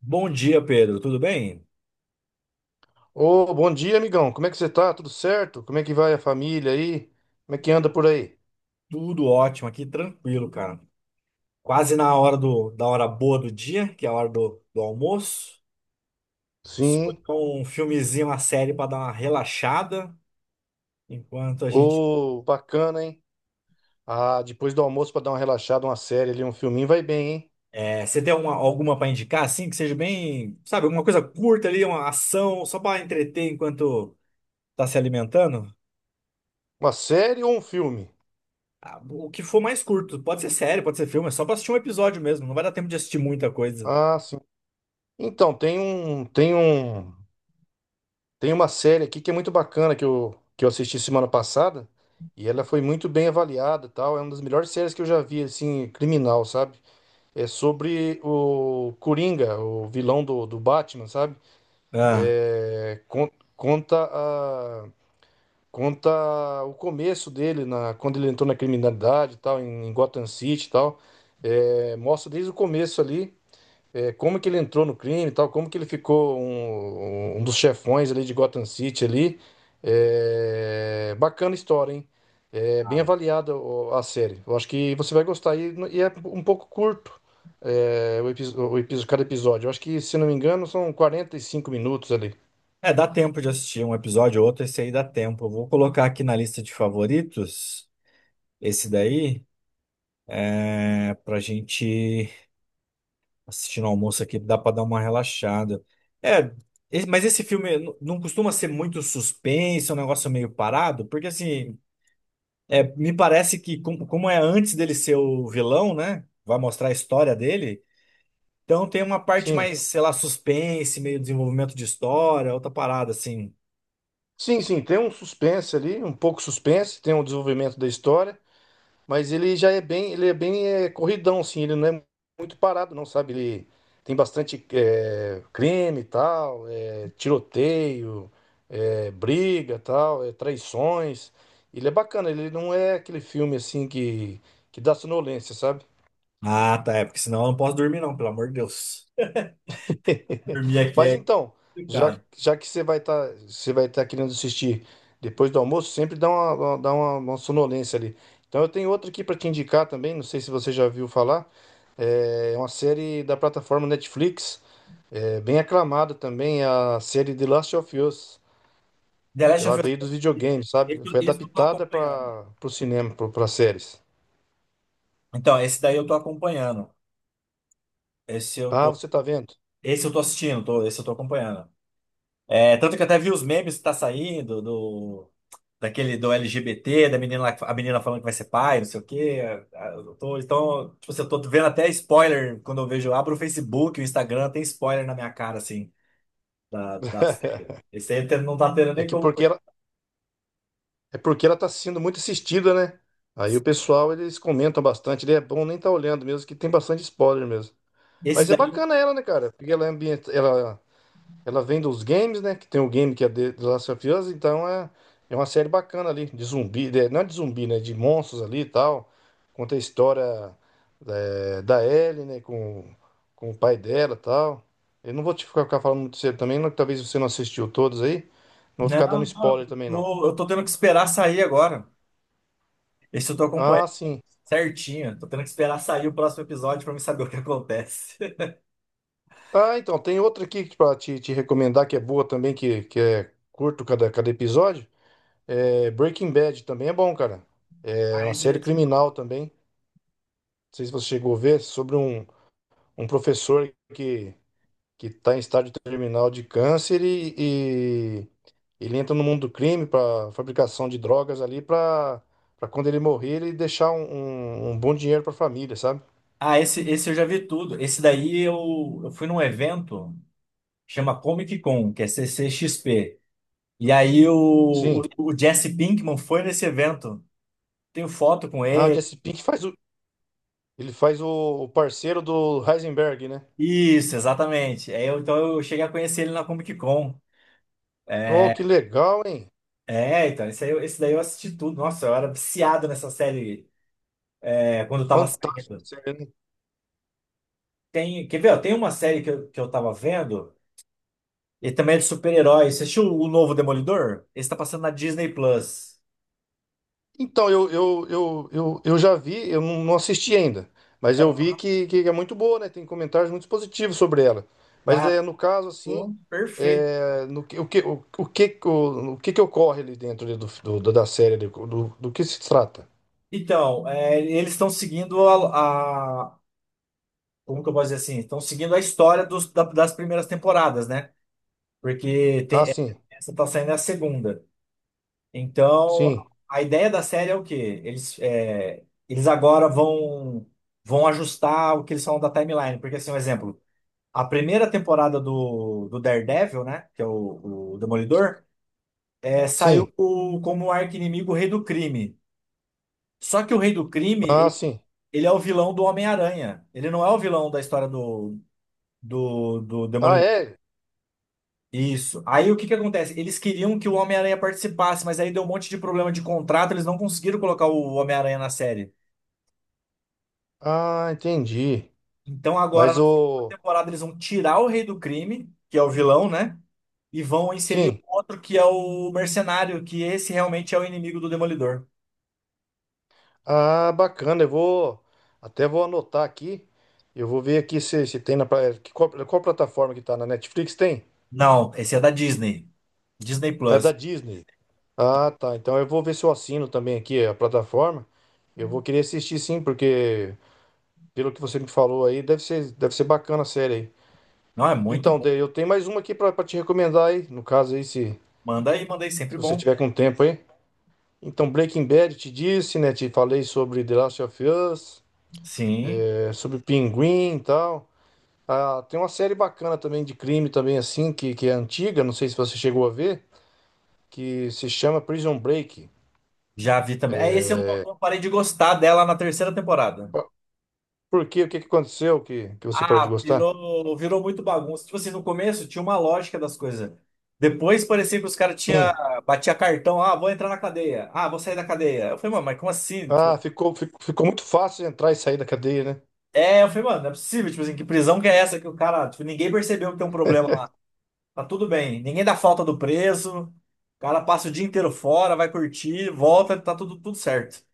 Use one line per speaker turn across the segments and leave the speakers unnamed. Bom dia, Pedro. Tudo bem?
Ô, bom dia, amigão. Como é que você tá? Tudo certo? Como é que vai a família aí? Como é que anda por aí?
Tudo ótimo aqui, tranquilo, cara. Quase na hora da hora boa do dia, que é a hora do almoço. Escolhi
Sim.
um filmezinho, uma série para dar uma relaxada. Enquanto a gente.
Ô, bacana, hein? Ah, depois do almoço pra dar uma relaxada, uma série ali, um filminho, vai bem, hein?
Você tem alguma para indicar, assim, que seja bem, sabe, alguma coisa curta ali, uma ação, só para entreter enquanto tá se alimentando?
Uma série ou um filme?
Ah, o que for mais curto. Pode ser série, pode ser filme, é só para assistir um episódio mesmo. Não vai dar tempo de assistir muita coisa.
Ah, sim. Então, tem uma série aqui que é muito bacana que eu assisti semana passada e ela foi muito bem avaliada, e tal. É uma das melhores séries que eu já vi, assim, criminal, sabe? É sobre o Coringa, o vilão do Batman, sabe?
Ah.
É, con- conta a- Conta o começo dele na quando ele entrou na criminalidade e tal em Gotham City e tal. É, mostra desde o começo ali, é, como que ele entrou no crime e tal, como que ele ficou um dos chefões ali de Gotham City ali. É, bacana a história, hein? É bem avaliada a série, eu acho que você vai gostar, e é um pouco curto. É, o, cada episódio, eu acho que, se não me engano, são 45 minutos ali.
É, dá tempo de assistir um episódio ou outro, esse aí dá tempo. Eu vou colocar aqui na lista de favoritos, esse daí, pra gente assistir no almoço aqui, dá pra dar uma relaxada. É, mas esse filme não costuma ser muito suspense, é um negócio meio parado, porque assim, é, me parece que como é antes dele ser o vilão, né? Vai mostrar a história dele, então tem uma parte
Sim,
mais, sei lá, suspense, meio desenvolvimento de história, outra parada, assim.
sim, tem um suspense ali, um pouco suspense, tem um desenvolvimento da história, mas ele já é bem, ele é bem é, corridão, assim, ele não é muito parado, não, sabe? Ele tem bastante é, crime e tal, é, tiroteio, é, briga e tal, é, traições. Ele é bacana, ele não é aquele filme assim que dá sonolência, sabe?
Ah, tá. É, porque senão eu não posso dormir, não, pelo amor de Deus. Dormir aqui
Mas
é
então, já,
complicado.
já que você vai estar, você vai estar querendo assistir depois do almoço, sempre dá uma sonolência ali. Então eu tenho outra aqui para te indicar também, não sei se você já viu falar. É uma série da plataforma Netflix, é, bem aclamada também, é a série The Last of Us.
The Last
Ela
of Us,
veio
é
dos
assim,
videogames, sabe? Foi
esse eu tô
adaptada
acompanhando.
para o cinema, para séries.
Então, esse daí eu tô acompanhando. Esse eu
Ah,
tô,
você tá vendo?
esse eu tô assistindo, esse eu tô acompanhando. É, tanto que até vi os memes que tá saindo daquele do LGBT, da menina lá, a menina falando que vai ser pai, não sei o quê. Ah, então, tipo, assim, eu tô vendo até spoiler quando eu vejo, eu abro o Facebook, o Instagram, tem spoiler na minha cara, assim, da série. Esse aí até não tá tendo
É
nem
que
como.
porque ela, É porque ela está sendo muito assistida, né? Aí o pessoal, eles comentam bastante, daí é bom nem estar olhando mesmo, que tem bastante spoiler mesmo.
Esse
Mas é
daí, eu-
bacana ela, né, cara? Porque ela é ambiente, ela vem dos games, né? Que tem o game que é The Last of Us, então é, é uma série bacana ali, de zumbi, de- não é de zumbi, né? De monstros ali e tal. Conta a história é, da Ellie, né? Com o pai dela e tal. Eu não vou te ficar falando muito cedo também, não, que talvez você não assistiu todos aí. Não vou ficar dando
não, não,
spoiler também, não.
eu tô tendo que esperar sair agora. Esse eu tô
Ah,
acompanhando
sim.
certinho. Tô tendo que esperar sair o próximo episódio pra me saber o que acontece.
Ah, então, tem outra aqui para te recomendar que é boa também, que é curto cada episódio. É, Breaking Bad também é bom, cara. É
Ah,
uma
esse eu já
série
vi.
criminal também. Não sei se você chegou a ver, sobre um, um professor que tá em estágio terminal de câncer e ele entra no mundo do crime para fabricação de drogas ali para quando ele morrer ele deixar um bom dinheiro para a família, sabe?
Ah, esse eu já vi tudo. Esse daí eu fui num evento, chama Comic Con, que é CCXP. E aí
Sim.
o Jesse Pinkman foi nesse evento. Tenho foto com
Ah,
ele.
Jesse Pink faz o, ele faz o parceiro do Heisenberg, né?
Isso, exatamente. Então eu cheguei a conhecer ele na Comic Con.
Oh,
É,
que legal, hein?
é, então, esse daí eu assisti tudo. Nossa, eu era viciado nessa série é, quando eu tava
Fantástico,
saindo.
sério, né?
Tem, quer ver? Ó, tem uma série que eu tava vendo, e também é de super-herói. Você assistiu o novo Demolidor? Esse tá passando na Disney Plus.
Então, eu já vi, eu não assisti ainda, mas eu vi que é muito boa, né? Tem comentários muito positivos sobre ela. Mas
Cara,
é, no caso, assim,
pô, perfeito.
é, no, o que que ocorre ali dentro ali da série, ali, do que se trata?
Então, é, eles estão seguindo a- como que eu posso dizer assim? Estão seguindo a história das primeiras temporadas, né? Porque
Ah,
tem, essa tá saindo é a segunda. Então,
sim,
a ideia da série é o quê? Eles agora vão, vão ajustar o que eles falam da timeline. Porque, assim, um exemplo, a primeira temporada do Daredevil, né? Que é o Demolidor, é,
sim,
como arqui-inimigo o Rei do Crime. Só que o Rei do Crime,
ah,
e-
sim.
Ele é o vilão do Homem-Aranha. Ele não é o vilão da história do
Ah,
Demolidor.
é?
Isso. Aí o que que acontece? Eles queriam que o Homem-Aranha participasse, mas aí deu um monte de problema de contrato, eles não conseguiram colocar o Homem-Aranha na série.
Ah, entendi.
Então agora
Mas
na segunda
o...
temporada eles vão tirar o Rei do Crime, que é o vilão, né? E vão inserir o
Sim.
outro que é o Mercenário, que esse realmente é o inimigo do Demolidor.
Ah, bacana. Eu vou até vou anotar aqui. Eu vou ver aqui se, se tem na qual plataforma que tá, na Netflix tem?
Não, esse é da Disney. Disney
É
Plus.
da Disney. Ah, tá. Então eu vou ver se eu assino também aqui a plataforma. Eu vou querer assistir, sim, porque pelo que você me falou aí, deve ser bacana a série aí.
Não, é muito
Então,
bom.
daí eu tenho mais uma aqui pra te recomendar aí, no caso aí, se
Manda aí, sempre
se você
bom.
tiver com tempo aí. Então, Breaking Bad, te disse, né? Te falei sobre The Last of Us,
Sim,
é, sobre Pinguim e tal. Ah, tem uma série bacana também de crime também, assim, que é antiga, não sei se você chegou a ver, que se chama Prison Break.
já vi também. É, esse eu não eu parei de gostar dela na terceira temporada.
Ah, por quê? O que que aconteceu que você parou de
Ah,
gostar?
virou muito bagunça. Tipo assim, no começo tinha uma lógica das coisas. Depois parecia que os caras tinha
Sim.
batia cartão, ah, vou entrar na cadeia. Ah, vou sair da cadeia. Eu falei, mano, mas como assim?
Ah,
Tipo,
ficou muito fácil de entrar e sair da cadeia, né?
é, eu falei, mano, não é possível, tipo assim, que prisão que é essa que o cara, tipo, ninguém percebeu que tem um problema lá. Tá tudo bem. Ninguém dá falta do preso. O cara passa o dia inteiro fora, vai curtir, volta, tá tudo certo.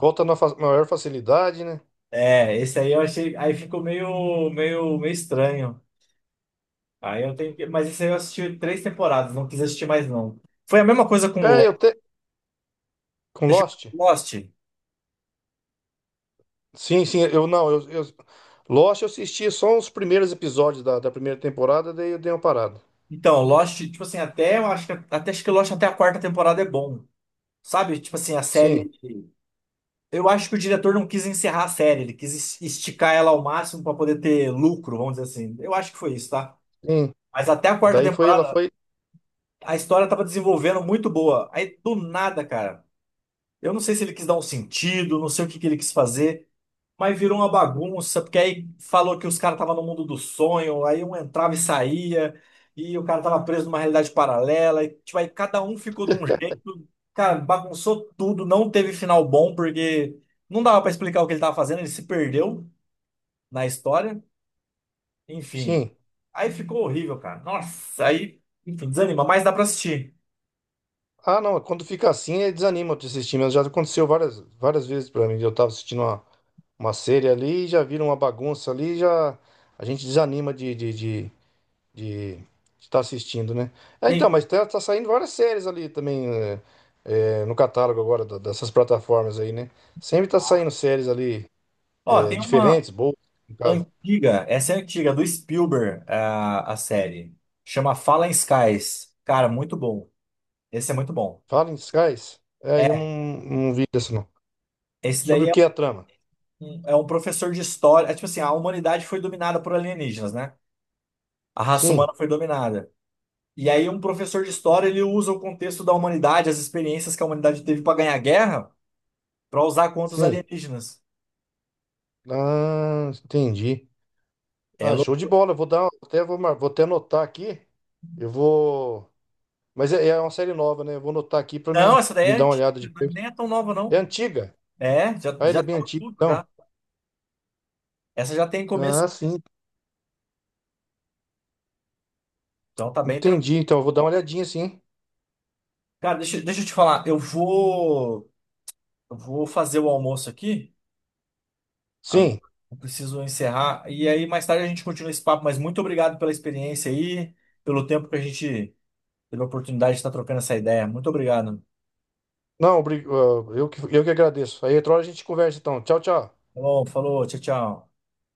Volta na fa- maior facilidade, né?
É, esse aí eu achei, aí ficou meio meio estranho. Aí eu tenho que... Mas isso aí eu assisti três temporadas, não quis assistir mais não. Foi a mesma coisa com
É, eu te... Com
Você chegou
Lost?
com Lost.
Sim, sim, eu não, eu... Lost eu assisti só os primeiros episódios da, da primeira temporada, daí eu dei uma parada.
Então, Lost, tipo assim, até acho que Lost até a quarta temporada é bom. Sabe? Tipo assim, a
Sim,
série. Eu acho que o diretor não quis encerrar a série, ele quis esticar ela ao máximo para poder ter lucro, vamos dizer assim. Eu acho que foi isso, tá?
sim.
Mas até a quarta
Daí foi, ela
temporada,
foi...
a história tava desenvolvendo muito boa. Aí do nada, cara. Eu não sei se ele quis dar um sentido, não sei o que que ele quis fazer. Mas virou uma bagunça, porque aí falou que os caras estavam no mundo do sonho, aí um entrava e saía, e o cara tava preso numa realidade paralela, e tipo, aí cada um ficou de um jeito. Cara, bagunçou tudo, não teve final bom, porque não dava pra explicar o que ele tava fazendo, ele se perdeu na história. Enfim,
Sim.
aí ficou horrível, cara. Nossa, aí, enfim, desanima, mas dá pra assistir.
Ah, não, quando fica assim, desanima de assistir, mas já aconteceu várias vezes pra mim. Eu tava assistindo uma série ali, já vira uma bagunça ali, já a gente desanima de estar assistindo, né? Ah, então,
Tem,
mas tá, tá saindo várias séries ali também no catálogo agora dessas plataformas aí, né? Sempre tá saindo séries ali
ó, tem uma.
diferentes, boas, no caso.
Antiga, essa é antiga, do Spielberg, a série. Chama Fallen Skies. Cara, muito bom. Esse é muito bom.
Fala em Skies? É, eu não,
É,
não vi dessa, não.
esse
Sobre
daí
o
é
que é a trama?
é um professor de história. É tipo assim, a humanidade foi dominada por alienígenas, né? A raça
Sim,
humana foi dominada. E aí um professor de história, ele usa o contexto da humanidade, as experiências que a humanidade teve para ganhar guerra, para usar contra os
sim.
alienígenas.
Ah, entendi.
É
Ah, show de
louco.
bola. Eu vou dar, até vou, mar- vou até anotar aqui. Eu vou. Mas é, é uma série nova, né? Eu vou anotar aqui pra
Não,
mim
essa daí é
me dar uma
antiga,
olhada depois.
nem é tão nova,
É
não.
antiga?
É,
Ah, ele
já
é bem
tá
antigo,
tudo
então.
já. Essa já tem começo,
Ah, sim.
então tá bem tranquilo.
Entendi. Então, eu vou dar uma olhadinha, sim.
Cara, deixa eu te falar. Eu vou fazer o almoço aqui. Agora.
Sim.
Eu preciso encerrar. E aí, mais tarde, a gente continua esse papo. Mas muito obrigado pela experiência aí, pelo tempo que a gente teve a oportunidade de estar trocando essa ideia. Muito obrigado.
Não, ah, eu que agradeço. Aí outra hora a gente conversa, então. Tchau, tchau.
Falou, falou, tchau, tchau.